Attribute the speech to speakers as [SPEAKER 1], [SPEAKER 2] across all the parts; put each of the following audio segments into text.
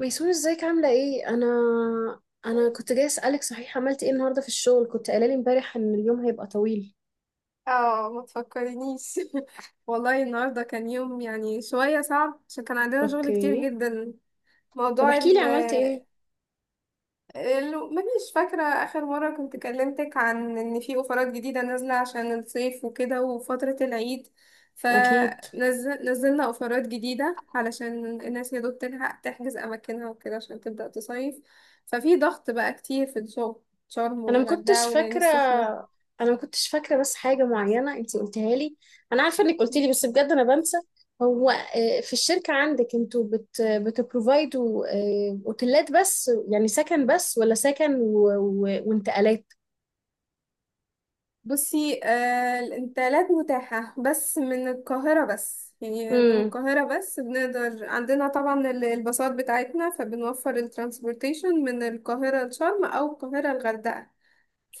[SPEAKER 1] ميسون، ازيك عاملة ايه؟ انا كنت جاي اسألك، صحيح عملت ايه النهاردة في الشغل؟ كنت قايلة لي امبارح ان اليوم هيبقى طويل.
[SPEAKER 2] اه، ما تفكرنيش. والله النهارده كان يوم، يعني شويه صعب، عشان كان عندنا شغل كتير
[SPEAKER 1] اوكي.
[SPEAKER 2] جدا.
[SPEAKER 1] طب
[SPEAKER 2] موضوع
[SPEAKER 1] احكي لي،
[SPEAKER 2] ال
[SPEAKER 1] عملت ايه؟
[SPEAKER 2] مانيش فاكره اخر مره كنت كلمتك عن ان في اوفرات جديده نازله عشان الصيف وكده وفتره العيد.
[SPEAKER 1] اكيد.
[SPEAKER 2] فنزلنا اوفرات جديده علشان الناس يا دوب تلحق تحجز اماكنها وكده عشان تبدا تصيف. ففي ضغط بقى كتير في الشغل. شرم
[SPEAKER 1] انا ما كنتش
[SPEAKER 2] والغردقه والعين
[SPEAKER 1] فاكرة
[SPEAKER 2] السخنه.
[SPEAKER 1] انا ما كنتش فاكرة بس حاجة معينة انتي قلتها لي. انا عارفة انك قلتي لي، بس بجد انا بنسى. هو في الشركة عندك انتوا بتبروفايدوا، اوتيلات بس، يعني سكن بس، ولا سكن وانتقالات؟
[SPEAKER 2] بصي، الانتقالات متاحة بس من القاهرة، بس يعني من
[SPEAKER 1] امم.
[SPEAKER 2] القاهرة بس، بنقدر عندنا طبعا الباصات بتاعتنا، فبنوفر الترانسبورتيشن من القاهرة لشرم أو القاهرة الغردقة.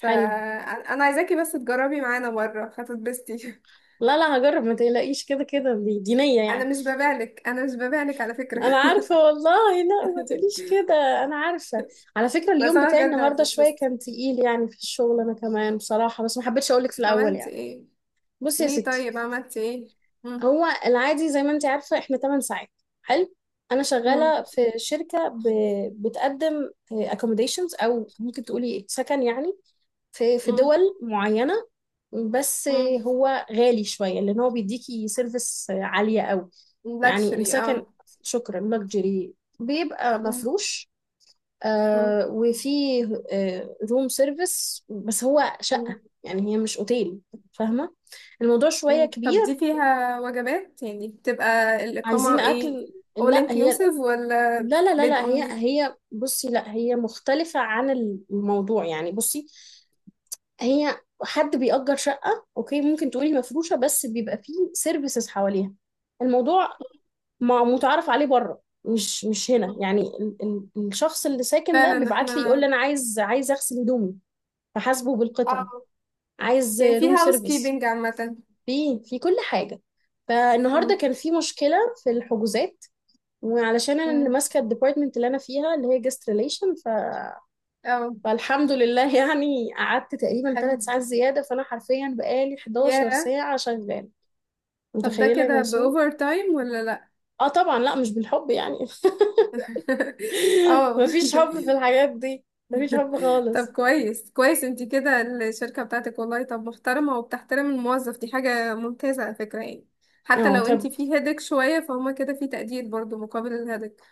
[SPEAKER 1] حلو.
[SPEAKER 2] عايزاكي بس تجربي معانا مرة، هتتبسطي.
[SPEAKER 1] لا لا، هجرب ما تقلقيش، كده كده دي دينية
[SPEAKER 2] أنا
[SPEAKER 1] يعني.
[SPEAKER 2] مش ببالك، أنا مش ببالك على فكرة.
[SPEAKER 1] انا عارفه والله، لا ما تقوليش كده. انا عارفه. على فكره
[SPEAKER 2] بس
[SPEAKER 1] اليوم
[SPEAKER 2] أنا
[SPEAKER 1] بتاعي
[SPEAKER 2] بجد
[SPEAKER 1] النهارده شويه
[SPEAKER 2] هتتبسطي.
[SPEAKER 1] كان تقيل يعني، في الشغل انا كمان بصراحه، بس ما حبيتش اقولك في الاول
[SPEAKER 2] عملت
[SPEAKER 1] يعني.
[SPEAKER 2] إيه؟
[SPEAKER 1] بصي يا
[SPEAKER 2] ليه
[SPEAKER 1] ستي،
[SPEAKER 2] طيب عملت إيه؟ مم.
[SPEAKER 1] هو العادي زي ما انت عارفه احنا 8 ساعات. حلو. انا
[SPEAKER 2] مم.
[SPEAKER 1] شغاله في شركه بتقدم accommodations، او ممكن تقولي سكن يعني، في
[SPEAKER 2] مم.
[SPEAKER 1] دول معينه، بس
[SPEAKER 2] مم.
[SPEAKER 1] هو غالي شويه، لان هو بيديكي سيرفيس عاليه قوي يعني،
[SPEAKER 2] لاكشري،
[SPEAKER 1] السكن.
[SPEAKER 2] اه.
[SPEAKER 1] شكرا، لكجري بيبقى
[SPEAKER 2] مم.
[SPEAKER 1] مفروش.
[SPEAKER 2] مم.
[SPEAKER 1] وفيه روم سيرفيس، بس هو شقة
[SPEAKER 2] مم.
[SPEAKER 1] يعني، هي مش اوتيل. فاهمة، الموضوع شوية
[SPEAKER 2] مم. طب
[SPEAKER 1] كبير.
[SPEAKER 2] دي فيها وجبات، يعني بتبقى الإقامة
[SPEAKER 1] عايزين
[SPEAKER 2] ايه،
[SPEAKER 1] أكل.
[SPEAKER 2] all
[SPEAKER 1] لا هي،
[SPEAKER 2] inclusive ولا
[SPEAKER 1] لا لا لا
[SPEAKER 2] bed
[SPEAKER 1] لا، هي
[SPEAKER 2] only؟
[SPEAKER 1] هي بصي، لا هي مختلفة عن الموضوع يعني. بصي، هي حد بيأجر شقة اوكي، ممكن تقولي مفروشة، بس بيبقى فيه سيرفيسز حواليها. الموضوع ما متعرف عليه بره، مش هنا
[SPEAKER 2] مم.
[SPEAKER 1] يعني. ال ال الشخص اللي ساكن ده
[SPEAKER 2] فعلا
[SPEAKER 1] بيبعت لي يقول لي
[SPEAKER 2] احنا،
[SPEAKER 1] انا عايز اغسل هدومي، فحاسبه بالقطعه.
[SPEAKER 2] اه
[SPEAKER 1] عايز
[SPEAKER 2] يعني في
[SPEAKER 1] روم
[SPEAKER 2] هاوس
[SPEAKER 1] سيرفيس،
[SPEAKER 2] كيبنج عامة.
[SPEAKER 1] في كل حاجه. فالنهارده
[SPEAKER 2] مم.
[SPEAKER 1] كان في مشكله في الحجوزات، وعلشان انا اللي
[SPEAKER 2] مم.
[SPEAKER 1] ماسكه الديبارتمنت اللي انا فيها اللي هي جست ريليشن،
[SPEAKER 2] اه،
[SPEAKER 1] فالحمد لله يعني، قعدت تقريبا
[SPEAKER 2] حلو.
[SPEAKER 1] 3 ساعات زياده، فانا حرفيا بقالي
[SPEAKER 2] ياه.
[SPEAKER 1] 11 ساعه شغاله،
[SPEAKER 2] طب ده
[SPEAKER 1] متخيله يا
[SPEAKER 2] كده
[SPEAKER 1] ميسون؟
[SPEAKER 2] بأوفر تايم ولا لأ؟
[SPEAKER 1] اه طبعا، لا مش بالحب يعني.
[SPEAKER 2] اه.
[SPEAKER 1] مفيش حب في الحاجات دي، مفيش حب
[SPEAKER 2] طب
[SPEAKER 1] خالص.
[SPEAKER 2] كويس كويس انتي كده. الشركة بتاعتك، والله طب محترمة وبتحترم الموظف، دي حاجة ممتازة على فكرة يعني. حتى
[SPEAKER 1] اه
[SPEAKER 2] لو
[SPEAKER 1] طب،
[SPEAKER 2] انتي في هيدك شوية، فهما كده في تقدير برضو مقابل الهيدك.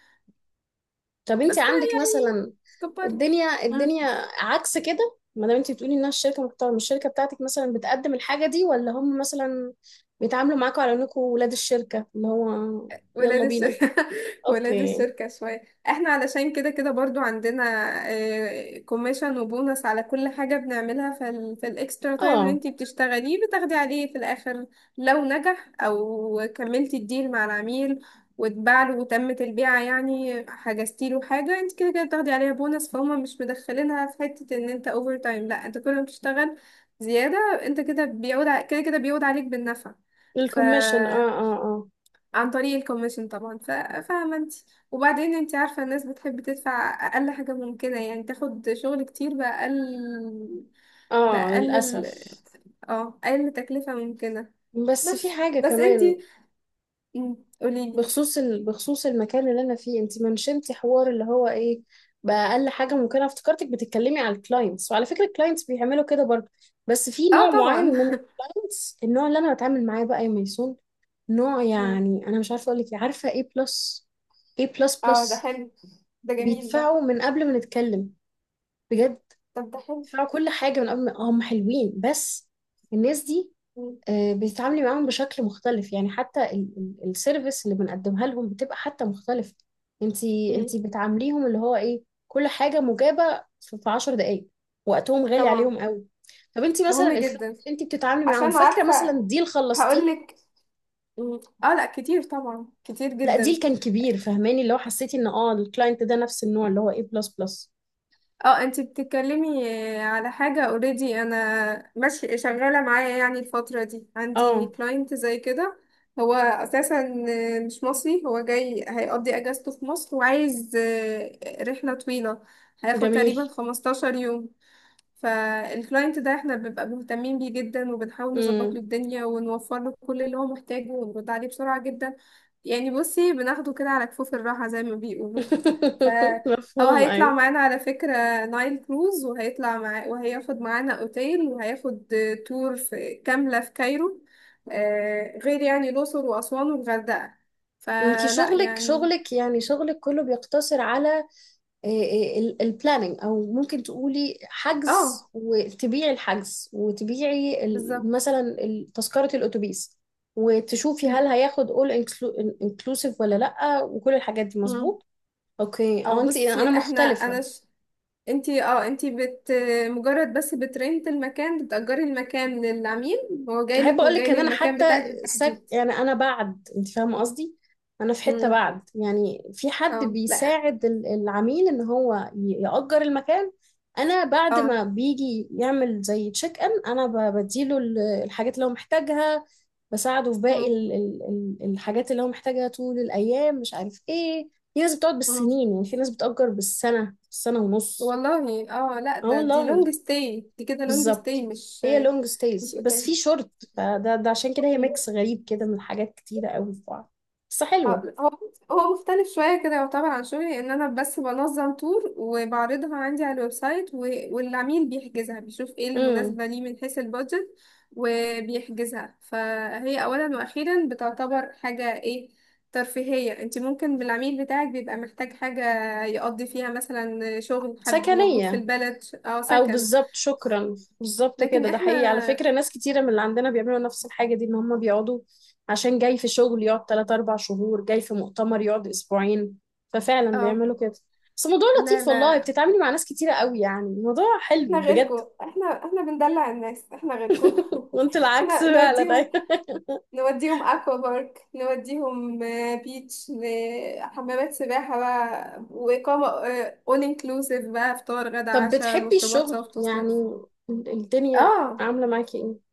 [SPEAKER 1] طب انت
[SPEAKER 2] بس
[SPEAKER 1] عندك مثلا
[SPEAKER 2] يعني كبري.
[SPEAKER 1] الدنيا الدنيا عكس كده؟ ما دام انت بتقولي انها الشركه محترمه، الشركه بتاعتك مثلا بتقدم الحاجه دي، ولا هم مثلا بيتعاملوا معاكم على انكم ولاد الشركه اللي هو؟
[SPEAKER 2] ولاد
[SPEAKER 1] يلا بينا.
[SPEAKER 2] الشركة، ولاد
[SPEAKER 1] اوكي.
[SPEAKER 2] الشركة شوية. احنا علشان كده كده برضو عندنا كوميشن وبونص على كل حاجة بنعملها، في الاكسترا تايم اللي
[SPEAKER 1] اه،
[SPEAKER 2] انتي بتشتغليه بتاخدي عليه في الاخر. لو نجح او كملتي الديل مع العميل واتباع له وتمت البيعة، يعني حجزتي له حاجة، انت كده كده بتاخدي عليها بونص. فهم مش مدخلينها في حتة ان انت اوفر تايم. لا، انت كل ما بتشتغل زيادة، انت كده كده كده بيعود عليك بالنفع. ف
[SPEAKER 1] الكوميشن، اه اه اه.
[SPEAKER 2] عن طريق الكوميشن طبعا. فاهمة انت. وبعدين انت عارفة الناس بتحب تدفع أقل حاجة ممكنة، يعني تاخد شغل كتير بأقل
[SPEAKER 1] اه
[SPEAKER 2] بأقل ال-
[SPEAKER 1] للاسف.
[SPEAKER 2] اه أقل تكلفة ممكنة.
[SPEAKER 1] بس في
[SPEAKER 2] بس
[SPEAKER 1] حاجه
[SPEAKER 2] بس انت،
[SPEAKER 1] كمان
[SPEAKER 2] قوليلي.
[SPEAKER 1] بخصوص بخصوص المكان اللي انا فيه، انت منشنتي حوار اللي هو ايه بقى، اقل حاجه ممكنه. افتكرتك بتتكلمي على الكلاينتس، وعلى فكره الكلاينتس بيعملوا كده برضه. بس في
[SPEAKER 2] اه
[SPEAKER 1] نوع معين
[SPEAKER 2] طبعا.
[SPEAKER 1] من الكلاينتس، النوع اللي انا بتعامل معاه بقى يا ميسون. نوع
[SPEAKER 2] مم.
[SPEAKER 1] يعني انا مش عارفه اقول لك إيه، عارفه ايه، بلس. ايه، بلس
[SPEAKER 2] اه، ده
[SPEAKER 1] بلس
[SPEAKER 2] حلو، ده جميل ده.
[SPEAKER 1] بيدفعوا من قبل ما نتكلم، بجد.
[SPEAKER 2] طب ده حلو.
[SPEAKER 1] بيدفعوا كل حاجه من قبل، ما هم حلوين بس، الناس دي.
[SPEAKER 2] مم.
[SPEAKER 1] بيتعاملي معاهم بشكل مختلف يعني، حتى السيرفيس اللي بنقدمها لهم بتبقى حتى مختلفة. انتي
[SPEAKER 2] مم.
[SPEAKER 1] انتي بتعامليهم اللي هو ايه، كل حاجة مجابة في 10 دقايق، وقتهم غالي
[SPEAKER 2] طبعا،
[SPEAKER 1] عليهم قوي. طب انتي مثلا
[SPEAKER 2] مهم
[SPEAKER 1] الكلاينت
[SPEAKER 2] جدا،
[SPEAKER 1] اللي انتي بتتعاملي معاهم،
[SPEAKER 2] عشان
[SPEAKER 1] فاكرة مثلا
[SPEAKER 2] عارفة
[SPEAKER 1] ديل خلصتيه؟
[SPEAKER 2] هقولك. مم. اه لا، كتير طبعا، كتير
[SPEAKER 1] لا ديل
[SPEAKER 2] جدا.
[SPEAKER 1] كان كبير، فهماني اللي هو حسيتي ان اه الكلاينت ده نفس النوع اللي هو ايه بلس بلس؟
[SPEAKER 2] اه، انت بتتكلمي على حاجة اوريدي انا ماشي شغالة معايا، يعني الفترة دي عندي
[SPEAKER 1] اه،
[SPEAKER 2] كلاينت زي كده. هو اساسا مش مصري، هو جاي هيقضي اجازته في مصر وعايز، رحلة طويلة، هياخد
[SPEAKER 1] جميل.
[SPEAKER 2] تقريبا 15 يوم. فالكلاينت ده احنا بنبقى مهتمين بيه جدا، وبنحاول نظبط
[SPEAKER 1] امم.
[SPEAKER 2] له الدنيا ونوفر له كل اللي هو محتاجه ونرد عليه بسرعة جدا. يعني بصي بناخده كده على كفوف الراحة زي ما بيقولوا. فهو
[SPEAKER 1] مفهوم،
[SPEAKER 2] هيطلع
[SPEAKER 1] ايوه.
[SPEAKER 2] معانا على فكرة نايل كروز، وهيطلع مع وهياخد معانا اوتيل، وهياخد تور في كاملة في كايرو، غير يعني الأقصر وأسوان والغردقة.
[SPEAKER 1] انتي
[SPEAKER 2] فلا
[SPEAKER 1] شغلك
[SPEAKER 2] يعني.
[SPEAKER 1] شغلك يعني شغلك كله بيقتصر على البلاننج، او ممكن تقولي حجز،
[SPEAKER 2] اه،
[SPEAKER 1] وتبيعي الحجز، وتبيعي
[SPEAKER 2] بالظبط.
[SPEAKER 1] مثلا تذكرة الاتوبيس، وتشوفي هل هياخد inclusive ولا لا، وكل الحاجات دي؟
[SPEAKER 2] مم.
[SPEAKER 1] مظبوط. اوكي.
[SPEAKER 2] او
[SPEAKER 1] اه انت، انا
[SPEAKER 2] بصي،
[SPEAKER 1] مختلفة.
[SPEAKER 2] انتي مجرد بس بترنت المكان، بتأجري المكان للعميل، هو
[SPEAKER 1] احب
[SPEAKER 2] جايلك
[SPEAKER 1] اقول
[SPEAKER 2] وجاي
[SPEAKER 1] لك ان انا
[SPEAKER 2] للمكان
[SPEAKER 1] حتى
[SPEAKER 2] بتاعك بالتحديد.
[SPEAKER 1] يعني انا بعد، انت فاهمه قصدي، انا في حته
[SPEAKER 2] امم.
[SPEAKER 1] بعد يعني، في حد
[SPEAKER 2] اه، لا.
[SPEAKER 1] بيساعد العميل ان هو يأجر المكان. انا بعد
[SPEAKER 2] اه.
[SPEAKER 1] ما بيجي يعمل زي تشيك ان، انا بديله الحاجات اللي هو محتاجها، بساعده في باقي
[SPEAKER 2] امم.
[SPEAKER 1] الحاجات اللي هو محتاجها طول الايام، مش عارف ايه. في ناس بتقعد
[SPEAKER 2] امم.
[SPEAKER 1] بالسنين يعني، في ناس بتأجر بالسنه، سنه ونص.
[SPEAKER 2] والله اه، لا،
[SPEAKER 1] اه
[SPEAKER 2] دي
[SPEAKER 1] والله،
[SPEAKER 2] لونج ستاي، دي كده لونج ستاي،
[SPEAKER 1] بالظبط.
[SPEAKER 2] مش
[SPEAKER 1] هي لونج
[SPEAKER 2] مش
[SPEAKER 1] ستايز بس في
[SPEAKER 2] اوتيل.
[SPEAKER 1] شورت. فده عشان كده هي
[SPEAKER 2] مم.
[SPEAKER 1] ميكس غريب كده من حاجات كتيرة قوي في بعض، بس
[SPEAKER 2] اه،
[SPEAKER 1] حلوة.
[SPEAKER 2] هو مختلف شوية كده، يعتبر عن شغلي ان انا بس بنظم تور وبعرضها عندي على الويب سايت. و... والعميل بيحجزها، بيشوف ايه اللي
[SPEAKER 1] امم.
[SPEAKER 2] مناسبة ليه من حيث البادجت، وبيحجزها. فهي اولا واخيرا بتعتبر حاجة ايه، ترفيهية. انت ممكن بالعميل بتاعك بيبقى محتاج حاجة يقضي فيها مثلا شغل، حد موجود في
[SPEAKER 1] سكنية
[SPEAKER 2] البلد او
[SPEAKER 1] او
[SPEAKER 2] سكن.
[SPEAKER 1] بالظبط، شكرا، بالظبط
[SPEAKER 2] لكن
[SPEAKER 1] كده. ده
[SPEAKER 2] احنا،
[SPEAKER 1] حقيقي على فكرة، ناس كتيرة من اللي عندنا بيعملوا نفس الحاجة دي، ان هم بيقعدوا عشان جاي في شغل يقعد 3 4 شهور، جاي في مؤتمر يقعد اسبوعين، ففعلا
[SPEAKER 2] اه
[SPEAKER 1] بيعملوا كده. بس الموضوع
[SPEAKER 2] لا
[SPEAKER 1] لطيف والله،
[SPEAKER 2] لا،
[SPEAKER 1] بتتعاملي مع ناس كتيرة قوي يعني، الموضوع حلو
[SPEAKER 2] احنا
[SPEAKER 1] بجد.
[SPEAKER 2] غيركم، احنا بندلع الناس، احنا غيركم.
[SPEAKER 1] وانت العكس
[SPEAKER 2] احنا
[SPEAKER 1] فعلا.
[SPEAKER 2] نوديهم، نوديهم اكوا بارك، نوديهم بيتش، حمامات سباحة بقى وإقامة اول انكلوسيف بقى، فطار غدا
[SPEAKER 1] طب
[SPEAKER 2] عشاء
[SPEAKER 1] بتحبي
[SPEAKER 2] مشروبات
[SPEAKER 1] الشغل
[SPEAKER 2] سوفت
[SPEAKER 1] يعني،
[SPEAKER 2] وسناكس.
[SPEAKER 1] الدنيا
[SPEAKER 2] اه
[SPEAKER 1] عاملة معاكي ايه؟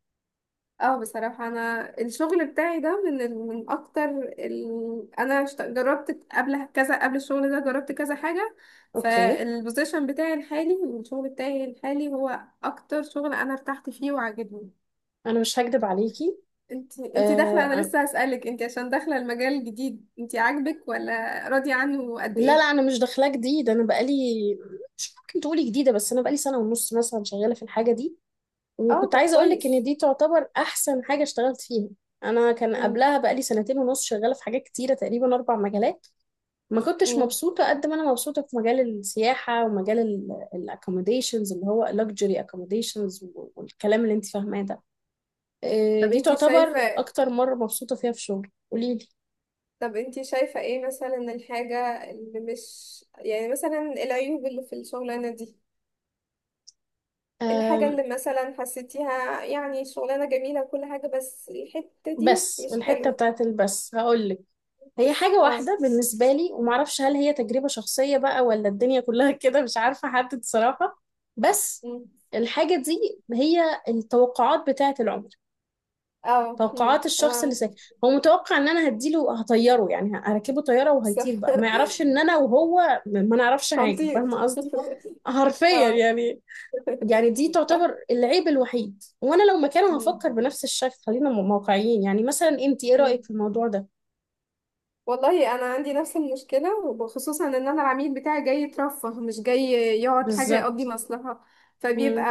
[SPEAKER 2] اه، بصراحة انا الشغل بتاعي ده من من اكتر انا جربت قبل كذا، قبل الشغل ده جربت كذا حاجة.
[SPEAKER 1] اوكي.
[SPEAKER 2] فالبوزيشن بتاعي الحالي والشغل بتاعي الحالي هو اكتر شغل انا ارتحت فيه وعجبني.
[SPEAKER 1] انا مش هكدب عليكي.
[SPEAKER 2] انت داخله، انا
[SPEAKER 1] آه
[SPEAKER 2] لسه هسألك انت، عشان داخله المجال الجديد، انت عاجبك، ولا راضيه عنه قد
[SPEAKER 1] لا لا،
[SPEAKER 2] ايه؟
[SPEAKER 1] انا مش داخلة جديد، انا بقالي، مش ممكن تقولي جديدة، بس انا بقالي سنة ونص مثلا شغالة في الحاجة دي.
[SPEAKER 2] اه
[SPEAKER 1] وكنت
[SPEAKER 2] طب
[SPEAKER 1] عايزة اقولك ان
[SPEAKER 2] كويس.
[SPEAKER 1] دي تعتبر احسن حاجة اشتغلت فيها. انا كان
[SPEAKER 2] امم.
[SPEAKER 1] قبلها بقالي سنتين ونص شغالة في حاجات كتيرة، تقريبا اربع مجالات. ما كنتش
[SPEAKER 2] امم.
[SPEAKER 1] مبسوطة قد ما انا مبسوطة في مجال السياحة، ومجال الاكوموديشنز اللي هو luxury accommodations والكلام اللي انت فاهماه ده.
[SPEAKER 2] طب
[SPEAKER 1] دي
[SPEAKER 2] انت
[SPEAKER 1] تعتبر
[SPEAKER 2] شايفه،
[SPEAKER 1] اكتر مرة مبسوطة فيها في شغل. قوليلي.
[SPEAKER 2] ايه مثلا الحاجه اللي مش، يعني مثلا العيوب اللي في الشغلانه دي، الحاجه
[SPEAKER 1] آم،
[SPEAKER 2] اللي مثلا حسيتيها يعني شغلانه جميله وكل حاجه بس الحته دي
[SPEAKER 1] بس
[SPEAKER 2] مش
[SPEAKER 1] الحتة
[SPEAKER 2] حلوه.
[SPEAKER 1] بتاعت البس هقولك، هي حاجة
[SPEAKER 2] اه،
[SPEAKER 1] واحدة بالنسبة لي، ومعرفش هل هي تجربة شخصية بقى ولا الدنيا كلها كده، مش عارفة أحدد صراحة. بس
[SPEAKER 2] امم.
[SPEAKER 1] الحاجة دي هي التوقعات بتاعت العمر،
[SPEAKER 2] اه امم،
[SPEAKER 1] توقعات
[SPEAKER 2] انا
[SPEAKER 1] الشخص اللي
[SPEAKER 2] عندي.
[SPEAKER 1] ساكن. هو متوقع ان انا هديله، هطيره يعني، هركبه طيارة
[SPEAKER 2] صح.
[SPEAKER 1] وهيطير بقى، ما يعرفش ان انا وهو ما ما نعرفش حاجة.
[SPEAKER 2] هنطير.
[SPEAKER 1] فاهمة قصدي، حرفيا
[SPEAKER 2] اه.
[SPEAKER 1] يعني. يعني دي تعتبر العيب الوحيد، وانا لو مكانه
[SPEAKER 2] مم.
[SPEAKER 1] هفكر بنفس الشكل. خلينا واقعيين يعني، مثلا انت ايه رأيك
[SPEAKER 2] مم.
[SPEAKER 1] في الموضوع ده؟
[SPEAKER 2] والله انا عندي نفس المشكله، وخصوصا ان انا العميل بتاعي جاي يترفه مش جاي يقعد حاجه يقضي
[SPEAKER 1] بالظبط.
[SPEAKER 2] مصلحه.
[SPEAKER 1] امم.
[SPEAKER 2] فبيبقى،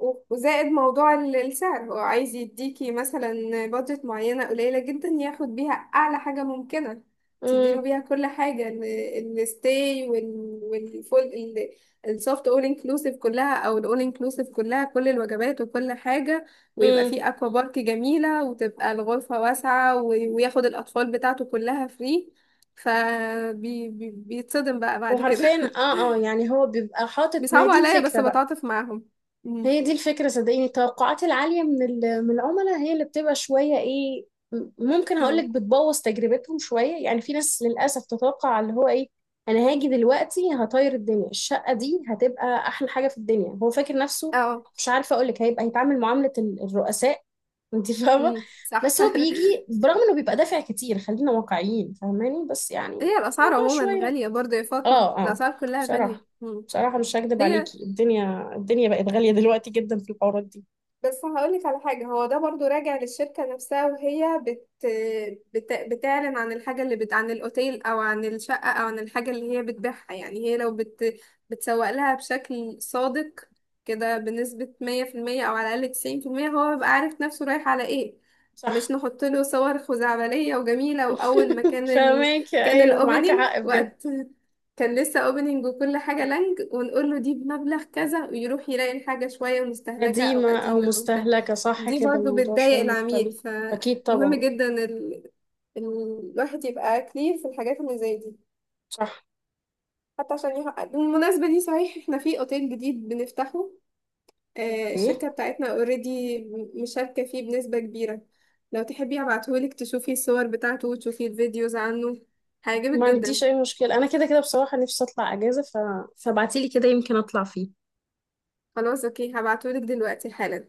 [SPEAKER 2] وزائد موضوع السعر، هو عايز يديكي مثلا بادجت معينه قليله جدا ياخد بيها اعلى حاجه ممكنه،
[SPEAKER 1] امم.
[SPEAKER 2] تديله بيها كل حاجه، الستاي والفول، السوفت اول انكلوسيف كلها، او الاول انكلوسيف كلها، كل الوجبات وكل حاجه، ويبقى
[SPEAKER 1] امم.
[SPEAKER 2] فيه اكوا بارك جميلة، وتبقى الغرفة واسعة، وياخد الاطفال بتاعته كلها فري. فبيتصدم بقى بعد كده.
[SPEAKER 1] وحرفيا، اه اه يعني، هو بيبقى حاطط، ما هي
[SPEAKER 2] بيصعبوا
[SPEAKER 1] دي
[SPEAKER 2] عليا،
[SPEAKER 1] الفكرة
[SPEAKER 2] بس
[SPEAKER 1] بقى.
[SPEAKER 2] بتعاطف معاهم. مم.
[SPEAKER 1] هي دي الفكرة، صدقيني، التوقعات العالية من من العملاء هي اللي بتبقى شوية ايه، ممكن
[SPEAKER 2] مم.
[SPEAKER 1] هقولك بتبوظ تجربتهم شوية يعني. في ناس للأسف تتوقع اللي هو ايه، أنا هاجي دلوقتي هطير الدنيا، الشقة دي هتبقى أحلى حاجة في الدنيا، هو فاكر نفسه،
[SPEAKER 2] اه.
[SPEAKER 1] مش عارفة أقولك، هيبقى هيتعامل معاملة الرؤساء. انت فاهمة.
[SPEAKER 2] مم. صح.
[SPEAKER 1] بس هو بيجي برغم انه بيبقى دافع كتير، خلينا واقعيين فاهماني، بس يعني
[SPEAKER 2] هي الاسعار
[SPEAKER 1] موضوع
[SPEAKER 2] عموما
[SPEAKER 1] شوية.
[SPEAKER 2] غالية برضه يا فاطمة،
[SPEAKER 1] اه اه
[SPEAKER 2] الاسعار كلها غالية.
[SPEAKER 1] بصراحة،
[SPEAKER 2] مم.
[SPEAKER 1] بصراحة مش هكدب
[SPEAKER 2] هي،
[SPEAKER 1] عليكي، الدنيا الدنيا بقت غالية دلوقتي جدا في الحوارات دي.
[SPEAKER 2] بس هقولك على حاجة، هو ده برضو راجع للشركة نفسها وهي بتعلن عن الحاجة عن الأوتيل أو عن الشقة أو عن الحاجة اللي هي بتبيعها. يعني هي لو بتسوق لها بشكل صادق كده، بنسبة 100% أو على الأقل 90%، هو بيبقى عارف نفسه رايح على إيه. مش
[SPEAKER 1] صح.
[SPEAKER 2] نحط له صور خزعبلية وجميلة، وأول ما كان
[SPEAKER 1] فاهمك،
[SPEAKER 2] كان
[SPEAKER 1] ايوه، معاكي
[SPEAKER 2] الأوبننج،
[SPEAKER 1] حق بجد.
[SPEAKER 2] وقت كان لسه اوبننج وكل حاجة لانج، ونقول له دي بمبلغ كذا، ويروح يلاقي الحاجة شوية مستهلكة او
[SPEAKER 1] قديمة او
[SPEAKER 2] قديمة او بتاع.
[SPEAKER 1] مستهلكة، صح.
[SPEAKER 2] دي
[SPEAKER 1] كده
[SPEAKER 2] برضه
[SPEAKER 1] الموضوع شوية
[SPEAKER 2] بتضايق العميل،
[SPEAKER 1] مختلف. اكيد
[SPEAKER 2] فمهم
[SPEAKER 1] طبعا.
[SPEAKER 2] جدا الواحد يبقى كلير في الحاجات اللي زي دي.
[SPEAKER 1] صح.
[SPEAKER 2] حتى عشان يحقق. بالمناسبة دي صحيح، احنا في اوتيل جديد بنفتحه،
[SPEAKER 1] اوكي،
[SPEAKER 2] الشركة بتاعتنا اوريدي مشاركة فيه بنسبة كبيرة. لو تحبي هبعتهولك تشوفي الصور بتاعته وتشوفي الفيديوز عنه، هيعجبك
[SPEAKER 1] ما عنديش
[SPEAKER 2] جدا.
[SPEAKER 1] اي مشكلة، انا كده كده بصراحة نفسي اطلع اجازة، فابعتيلي كده يمكن اطلع فيه.
[SPEAKER 2] خلاص اوكي، هبعتهولك دلوقتي حالا.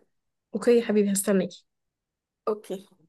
[SPEAKER 1] اوكي يا حبيبي، هستناكي.
[SPEAKER 2] اوكي.